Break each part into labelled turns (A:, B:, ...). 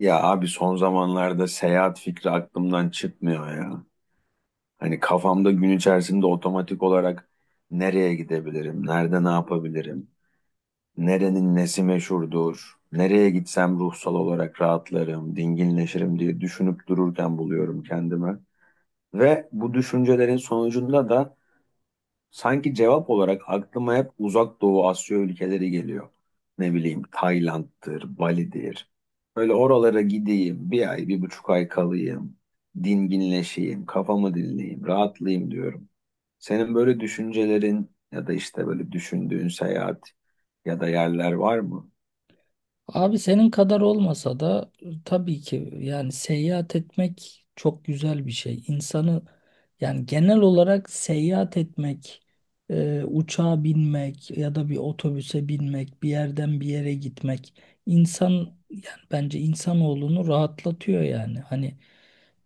A: Ya abi son zamanlarda seyahat fikri aklımdan çıkmıyor ya. Hani kafamda gün içerisinde otomatik olarak nereye gidebilirim, nerede ne yapabilirim, nerenin nesi meşhurdur, nereye gitsem ruhsal olarak rahatlarım, dinginleşirim diye düşünüp dururken buluyorum kendime. Ve bu düşüncelerin sonucunda da sanki cevap olarak aklıma hep Uzak Doğu Asya ülkeleri geliyor. Ne bileyim Tayland'dır, Bali'dir. Böyle oralara gideyim, bir ay, bir buçuk ay kalayım, dinginleşeyim, kafamı dinleyeyim, rahatlayayım diyorum. Senin böyle düşüncelerin ya da işte böyle düşündüğün seyahat ya da yerler var mı?
B: Abi senin kadar olmasa da tabii ki yani seyahat etmek çok güzel bir şey. İnsanı yani genel olarak seyahat etmek, uçağa binmek ya da bir otobüse binmek, bir yerden bir yere gitmek insan yani bence insanoğlunu rahatlatıyor yani. Hani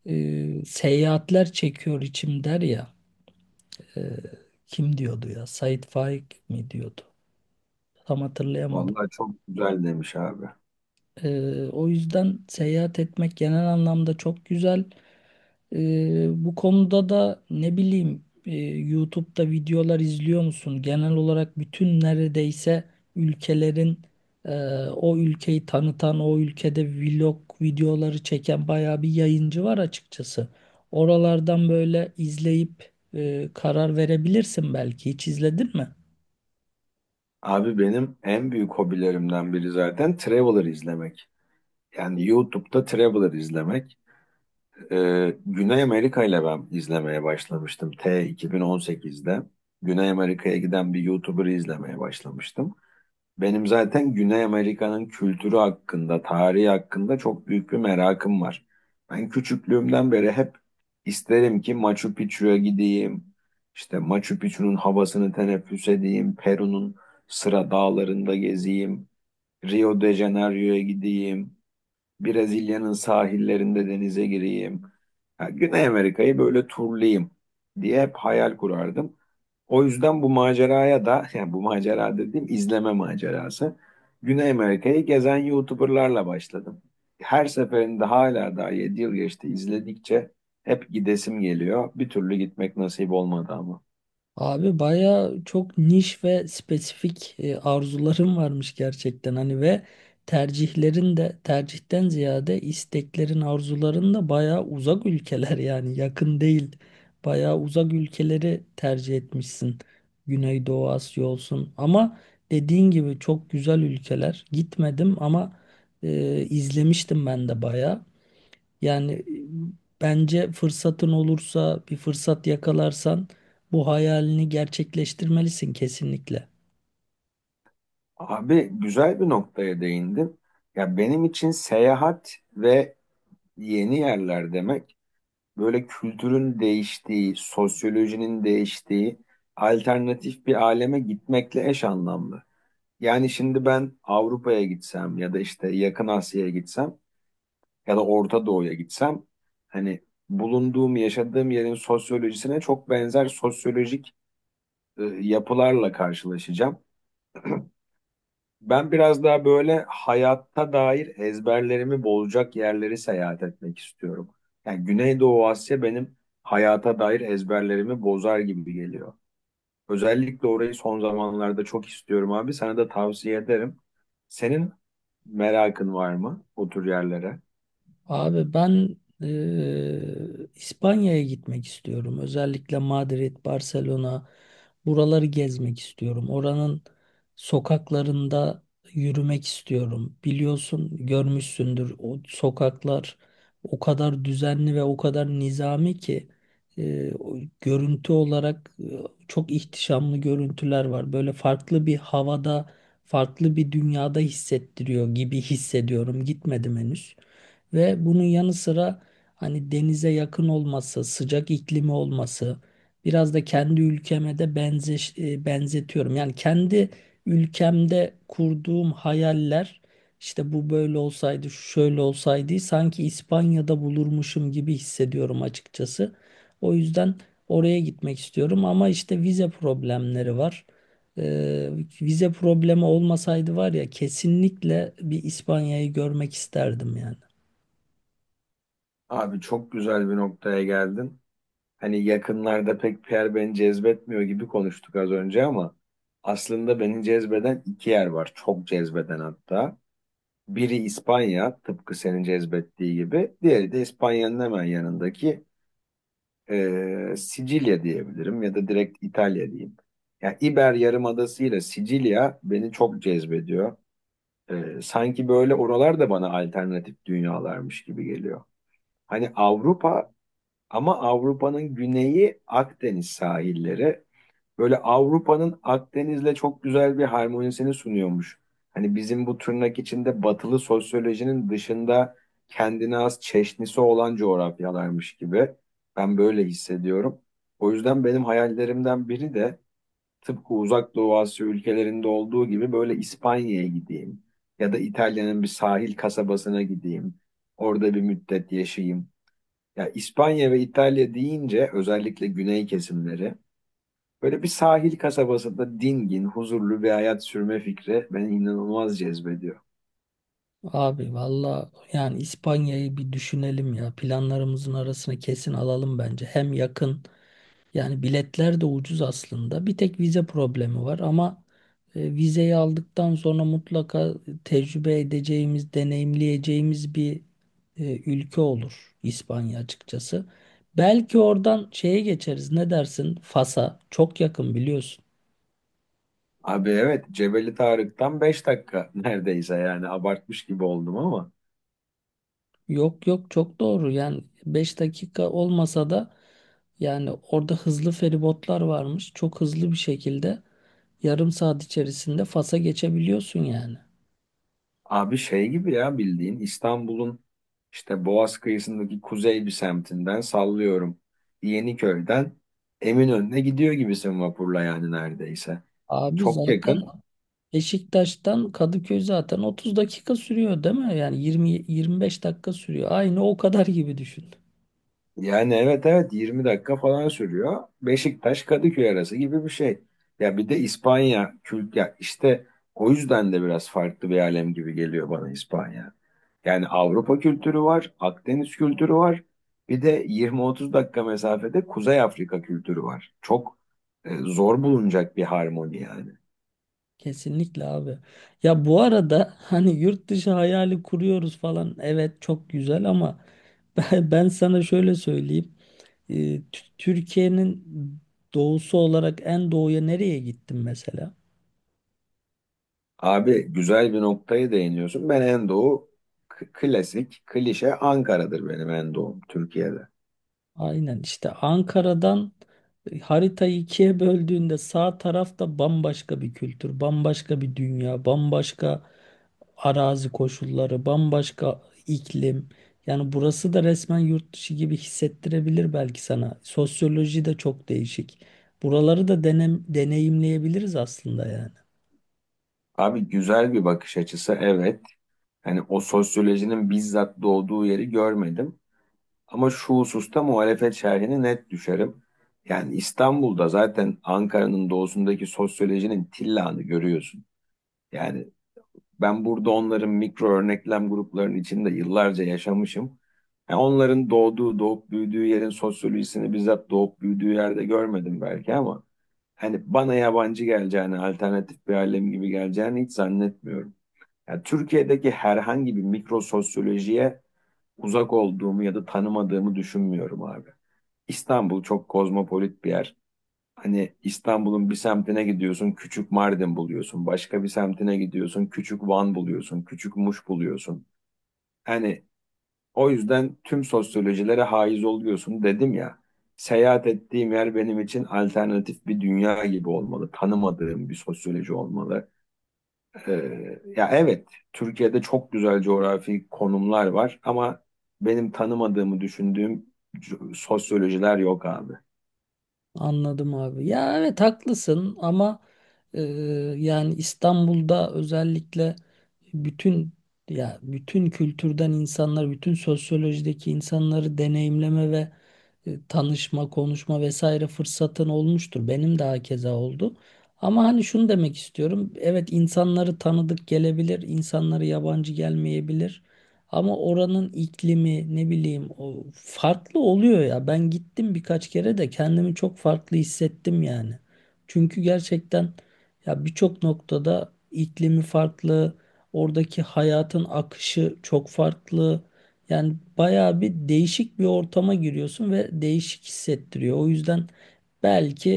B: seyahatler çekiyor içim der ya, e, kim diyordu ya, Sait Faik mi diyordu? Tam hatırlayamadım.
A: Vallahi çok güzel demiş abi.
B: O yüzden seyahat etmek genel anlamda çok güzel. Bu konuda da ne bileyim, YouTube'da videolar izliyor musun? Genel olarak bütün neredeyse ülkelerin e, o ülkeyi tanıtan, o ülkede vlog videoları çeken bayağı bir yayıncı var açıkçası. Oralardan böyle izleyip karar verebilirsin belki. Hiç izledin mi?
A: Abi benim en büyük hobilerimden biri zaten Traveler izlemek. Yani YouTube'da Traveler izlemek. Güney Amerika ile ben izlemeye başlamıştım. 2018'de Güney Amerika'ya giden bir YouTuber'ı izlemeye başlamıştım. Benim zaten Güney Amerika'nın kültürü hakkında, tarihi hakkında çok büyük bir merakım var. Ben küçüklüğümden beri hep isterim ki Machu Picchu'ya gideyim, işte Machu Picchu'nun havasını teneffüs edeyim, Peru'nun Sıra Dağları'nda gezeyim, Rio de Janeiro'ya gideyim. Brezilya'nın sahillerinde denize gireyim. Ha, Güney Amerika'yı böyle turlayayım diye hep hayal kurardım. O yüzden bu maceraya da, yani bu macera dediğim izleme macerası. Güney Amerika'yı gezen YouTuber'larla başladım. Her seferinde hala daha 7 yıl geçti izledikçe hep gidesim geliyor. Bir türlü gitmek nasip olmadı ama.
B: Abi baya çok niş ve spesifik arzularım varmış gerçekten hani ve tercihlerin de tercihten ziyade isteklerin arzuların da baya uzak ülkeler, yani yakın değil, baya uzak ülkeleri tercih etmişsin. Güneydoğu Asya olsun ama dediğin gibi çok güzel ülkeler, gitmedim ama izlemiştim ben de baya. Yani bence fırsatın olursa, bir fırsat yakalarsan bu hayalini gerçekleştirmelisin kesinlikle.
A: Abi güzel bir noktaya değindin. Ya benim için seyahat ve yeni yerler demek böyle kültürün değiştiği, sosyolojinin değiştiği alternatif bir aleme gitmekle eş anlamlı. Yani şimdi ben Avrupa'ya gitsem ya da işte Yakın Asya'ya gitsem ya da Orta Doğu'ya gitsem hani bulunduğum, yaşadığım yerin sosyolojisine çok benzer sosyolojik yapılarla karşılaşacağım. Ben biraz daha böyle hayatta dair ezberlerimi bozacak yerleri seyahat etmek istiyorum. Yani Güneydoğu Asya benim hayata dair ezberlerimi bozar gibi geliyor. Özellikle orayı son zamanlarda çok istiyorum abi. Sana da tavsiye ederim. Senin merakın var mı o tür yerlere?
B: Abi ben İspanya'ya gitmek istiyorum. Özellikle Madrid, Barcelona, buraları gezmek istiyorum. Oranın sokaklarında yürümek istiyorum. Biliyorsun, görmüşsündür, o sokaklar o kadar düzenli ve o kadar nizami ki o görüntü olarak çok ihtişamlı görüntüler var. Böyle farklı bir havada, farklı bir dünyada hissettiriyor gibi hissediyorum. Gitmedim henüz. Ve bunun yanı sıra hani denize yakın olması, sıcak iklimi olması, biraz da kendi ülkeme de benzetiyorum. Yani kendi ülkemde kurduğum hayaller, işte bu böyle olsaydı, şu şöyle olsaydı, sanki İspanya'da bulurmuşum gibi hissediyorum açıkçası. O yüzden oraya gitmek istiyorum ama işte vize problemleri var. Ee, Vize problemi olmasaydı var ya, kesinlikle bir İspanya'yı görmek isterdim yani.
A: Abi çok güzel bir noktaya geldin. Hani yakınlarda pek bir yer beni cezbetmiyor gibi konuştuk az önce ama aslında beni cezbeden iki yer var. Çok cezbeden hatta. Biri İspanya, tıpkı senin cezbettiği gibi. Diğeri de İspanya'nın hemen yanındaki Sicilya diyebilirim ya da direkt İtalya diyeyim. Yani İber Yarımadası ile Sicilya beni çok cezbediyor. Sanki böyle oralar da bana alternatif dünyalarmış gibi geliyor. Hani Avrupa, ama Avrupa'nın güneyi, Akdeniz sahilleri, böyle Avrupa'nın Akdeniz'le çok güzel bir harmonisini sunuyormuş. Hani bizim bu tırnak içinde batılı sosyolojinin dışında kendine has çeşnisi olan coğrafyalarmış gibi. Ben böyle hissediyorum. O yüzden benim hayallerimden biri de tıpkı Uzak Doğu Asya ülkelerinde olduğu gibi böyle İspanya'ya gideyim ya da İtalya'nın bir sahil kasabasına gideyim. Orada bir müddet yaşayayım. Ya İspanya ve İtalya deyince özellikle güney kesimleri, böyle bir sahil kasabasında dingin, huzurlu bir hayat sürme fikri beni inanılmaz cezbediyor.
B: Abi valla, yani İspanya'yı bir düşünelim ya. Planlarımızın arasına kesin alalım bence. Hem yakın, yani biletler de ucuz aslında. Bir tek vize problemi var ama vizeyi aldıktan sonra mutlaka tecrübe edeceğimiz, deneyimleyeceğimiz bir ülke olur İspanya açıkçası. Belki oradan şeye geçeriz. Ne dersin? Fas'a çok yakın biliyorsun.
A: Abi evet, Cebeli Tarık'tan 5 dakika neredeyse, yani abartmış gibi oldum ama
B: Yok yok, çok doğru. Yani 5 dakika olmasa da yani orada hızlı feribotlar varmış. Çok hızlı bir şekilde yarım saat içerisinde Fas'a geçebiliyorsun yani.
A: abi şey gibi ya, bildiğin İstanbul'un işte Boğaz kıyısındaki kuzey bir semtinden, sallıyorum Yeniköy'den Eminönü'ne gidiyor gibisin vapurla yani neredeyse.
B: Abi
A: Çok
B: zaten
A: yakın.
B: Beşiktaş'tan Kadıköy zaten 30 dakika sürüyor değil mi? Yani 20 25 dakika sürüyor. Aynı o kadar gibi düşün.
A: Yani evet evet 20 dakika falan sürüyor. Beşiktaş Kadıköy arası gibi bir şey. Ya bir de İspanya kült ya işte, o yüzden de biraz farklı bir alem gibi geliyor bana İspanya. Yani Avrupa kültürü var, Akdeniz kültürü var. Bir de 20-30 dakika mesafede Kuzey Afrika kültürü var. Çok zor bulunacak bir harmoni yani.
B: Kesinlikle abi. Ya bu arada hani yurt dışı hayali kuruyoruz falan. Evet çok güzel ama ben sana şöyle söyleyeyim. Türkiye'nin doğusu olarak en doğuya nereye gittim mesela?
A: Abi güzel bir noktayı değiniyorsun. Ben en doğu klasik, klişe Ankara'dır benim en doğum Türkiye'de.
B: Aynen işte Ankara'dan haritayı ikiye böldüğünde sağ tarafta bambaşka bir kültür, bambaşka bir dünya, bambaşka arazi koşulları, bambaşka iklim. Yani burası da resmen yurt dışı gibi hissettirebilir belki sana. Sosyoloji de çok değişik. Buraları da denem, deneyimleyebiliriz aslında yani.
A: Abi güzel bir bakış açısı, evet. Hani o sosyolojinin bizzat doğduğu yeri görmedim. Ama şu hususta muhalefet şerhine net düşerim. Yani İstanbul'da zaten Ankara'nın doğusundaki sosyolojinin tillanı görüyorsun. Yani ben burada onların mikro örneklem gruplarının içinde yıllarca yaşamışım. Yani onların doğduğu, doğup büyüdüğü yerin sosyolojisini bizzat doğup büyüdüğü yerde görmedim belki ama hani bana yabancı geleceğini, alternatif bir alem gibi geleceğini hiç zannetmiyorum. Yani Türkiye'deki herhangi bir mikrososyolojiye uzak olduğumu ya da tanımadığımı düşünmüyorum abi. İstanbul çok kozmopolit bir yer. Hani İstanbul'un bir semtine gidiyorsun, küçük Mardin buluyorsun. Başka bir semtine gidiyorsun, küçük Van buluyorsun, küçük Muş buluyorsun. Hani o yüzden tüm sosyolojilere haiz oluyorsun dedim ya. Seyahat ettiğim yer benim için alternatif bir dünya gibi olmalı. Tanımadığım bir sosyoloji olmalı. Ya evet, Türkiye'de çok güzel coğrafi konumlar var ama benim tanımadığımı düşündüğüm sosyolojiler yok abi.
B: Anladım abi. Ya evet haklısın ama e, yani İstanbul'da özellikle bütün, ya bütün kültürden insanlar, bütün sosyolojideki insanları deneyimleme ve tanışma, konuşma vesaire fırsatın olmuştur. Benim de hakeza oldu. Ama hani şunu demek istiyorum. Evet, insanları tanıdık gelebilir, insanları yabancı gelmeyebilir. Ama oranın iklimi ne bileyim o farklı oluyor ya. Ben gittim birkaç kere de kendimi çok farklı hissettim yani. Çünkü gerçekten ya birçok noktada iklimi farklı, oradaki hayatın akışı çok farklı. Yani bayağı bir değişik bir ortama giriyorsun ve değişik hissettiriyor. O yüzden belki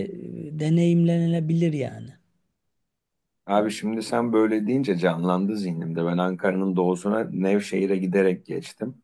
B: deneyimlenebilir yani.
A: Abi şimdi sen böyle deyince canlandı zihnimde. Ben Ankara'nın doğusuna Nevşehir'e giderek geçtim.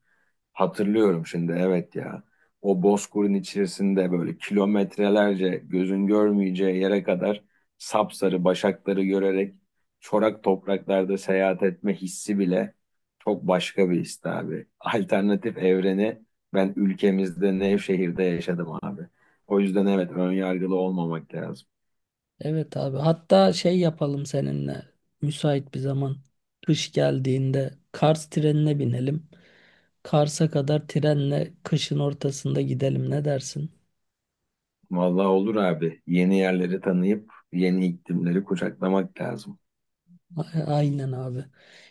A: Hatırlıyorum şimdi, evet ya. O bozkırın içerisinde böyle kilometrelerce gözün görmeyeceği yere kadar sapsarı başakları görerek çorak topraklarda seyahat etme hissi bile çok başka bir his abi. Alternatif evreni ben ülkemizde Nevşehir'de yaşadım abi. O yüzden evet, ön yargılı olmamak lazım.
B: Evet abi. Hatta şey yapalım seninle. Müsait bir zaman. Kış geldiğinde Kars trenine binelim. Kars'a kadar trenle kışın ortasında gidelim. Ne dersin?
A: Vallahi olur abi. Yeni yerleri tanıyıp yeni iklimleri kucaklamak lazım.
B: Aynen abi.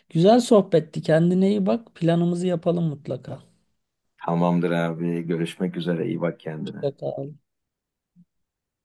B: Güzel sohbetti. Kendine iyi bak. Planımızı yapalım mutlaka.
A: Tamamdır abi. Görüşmek üzere. İyi bak kendine.
B: Mutlaka.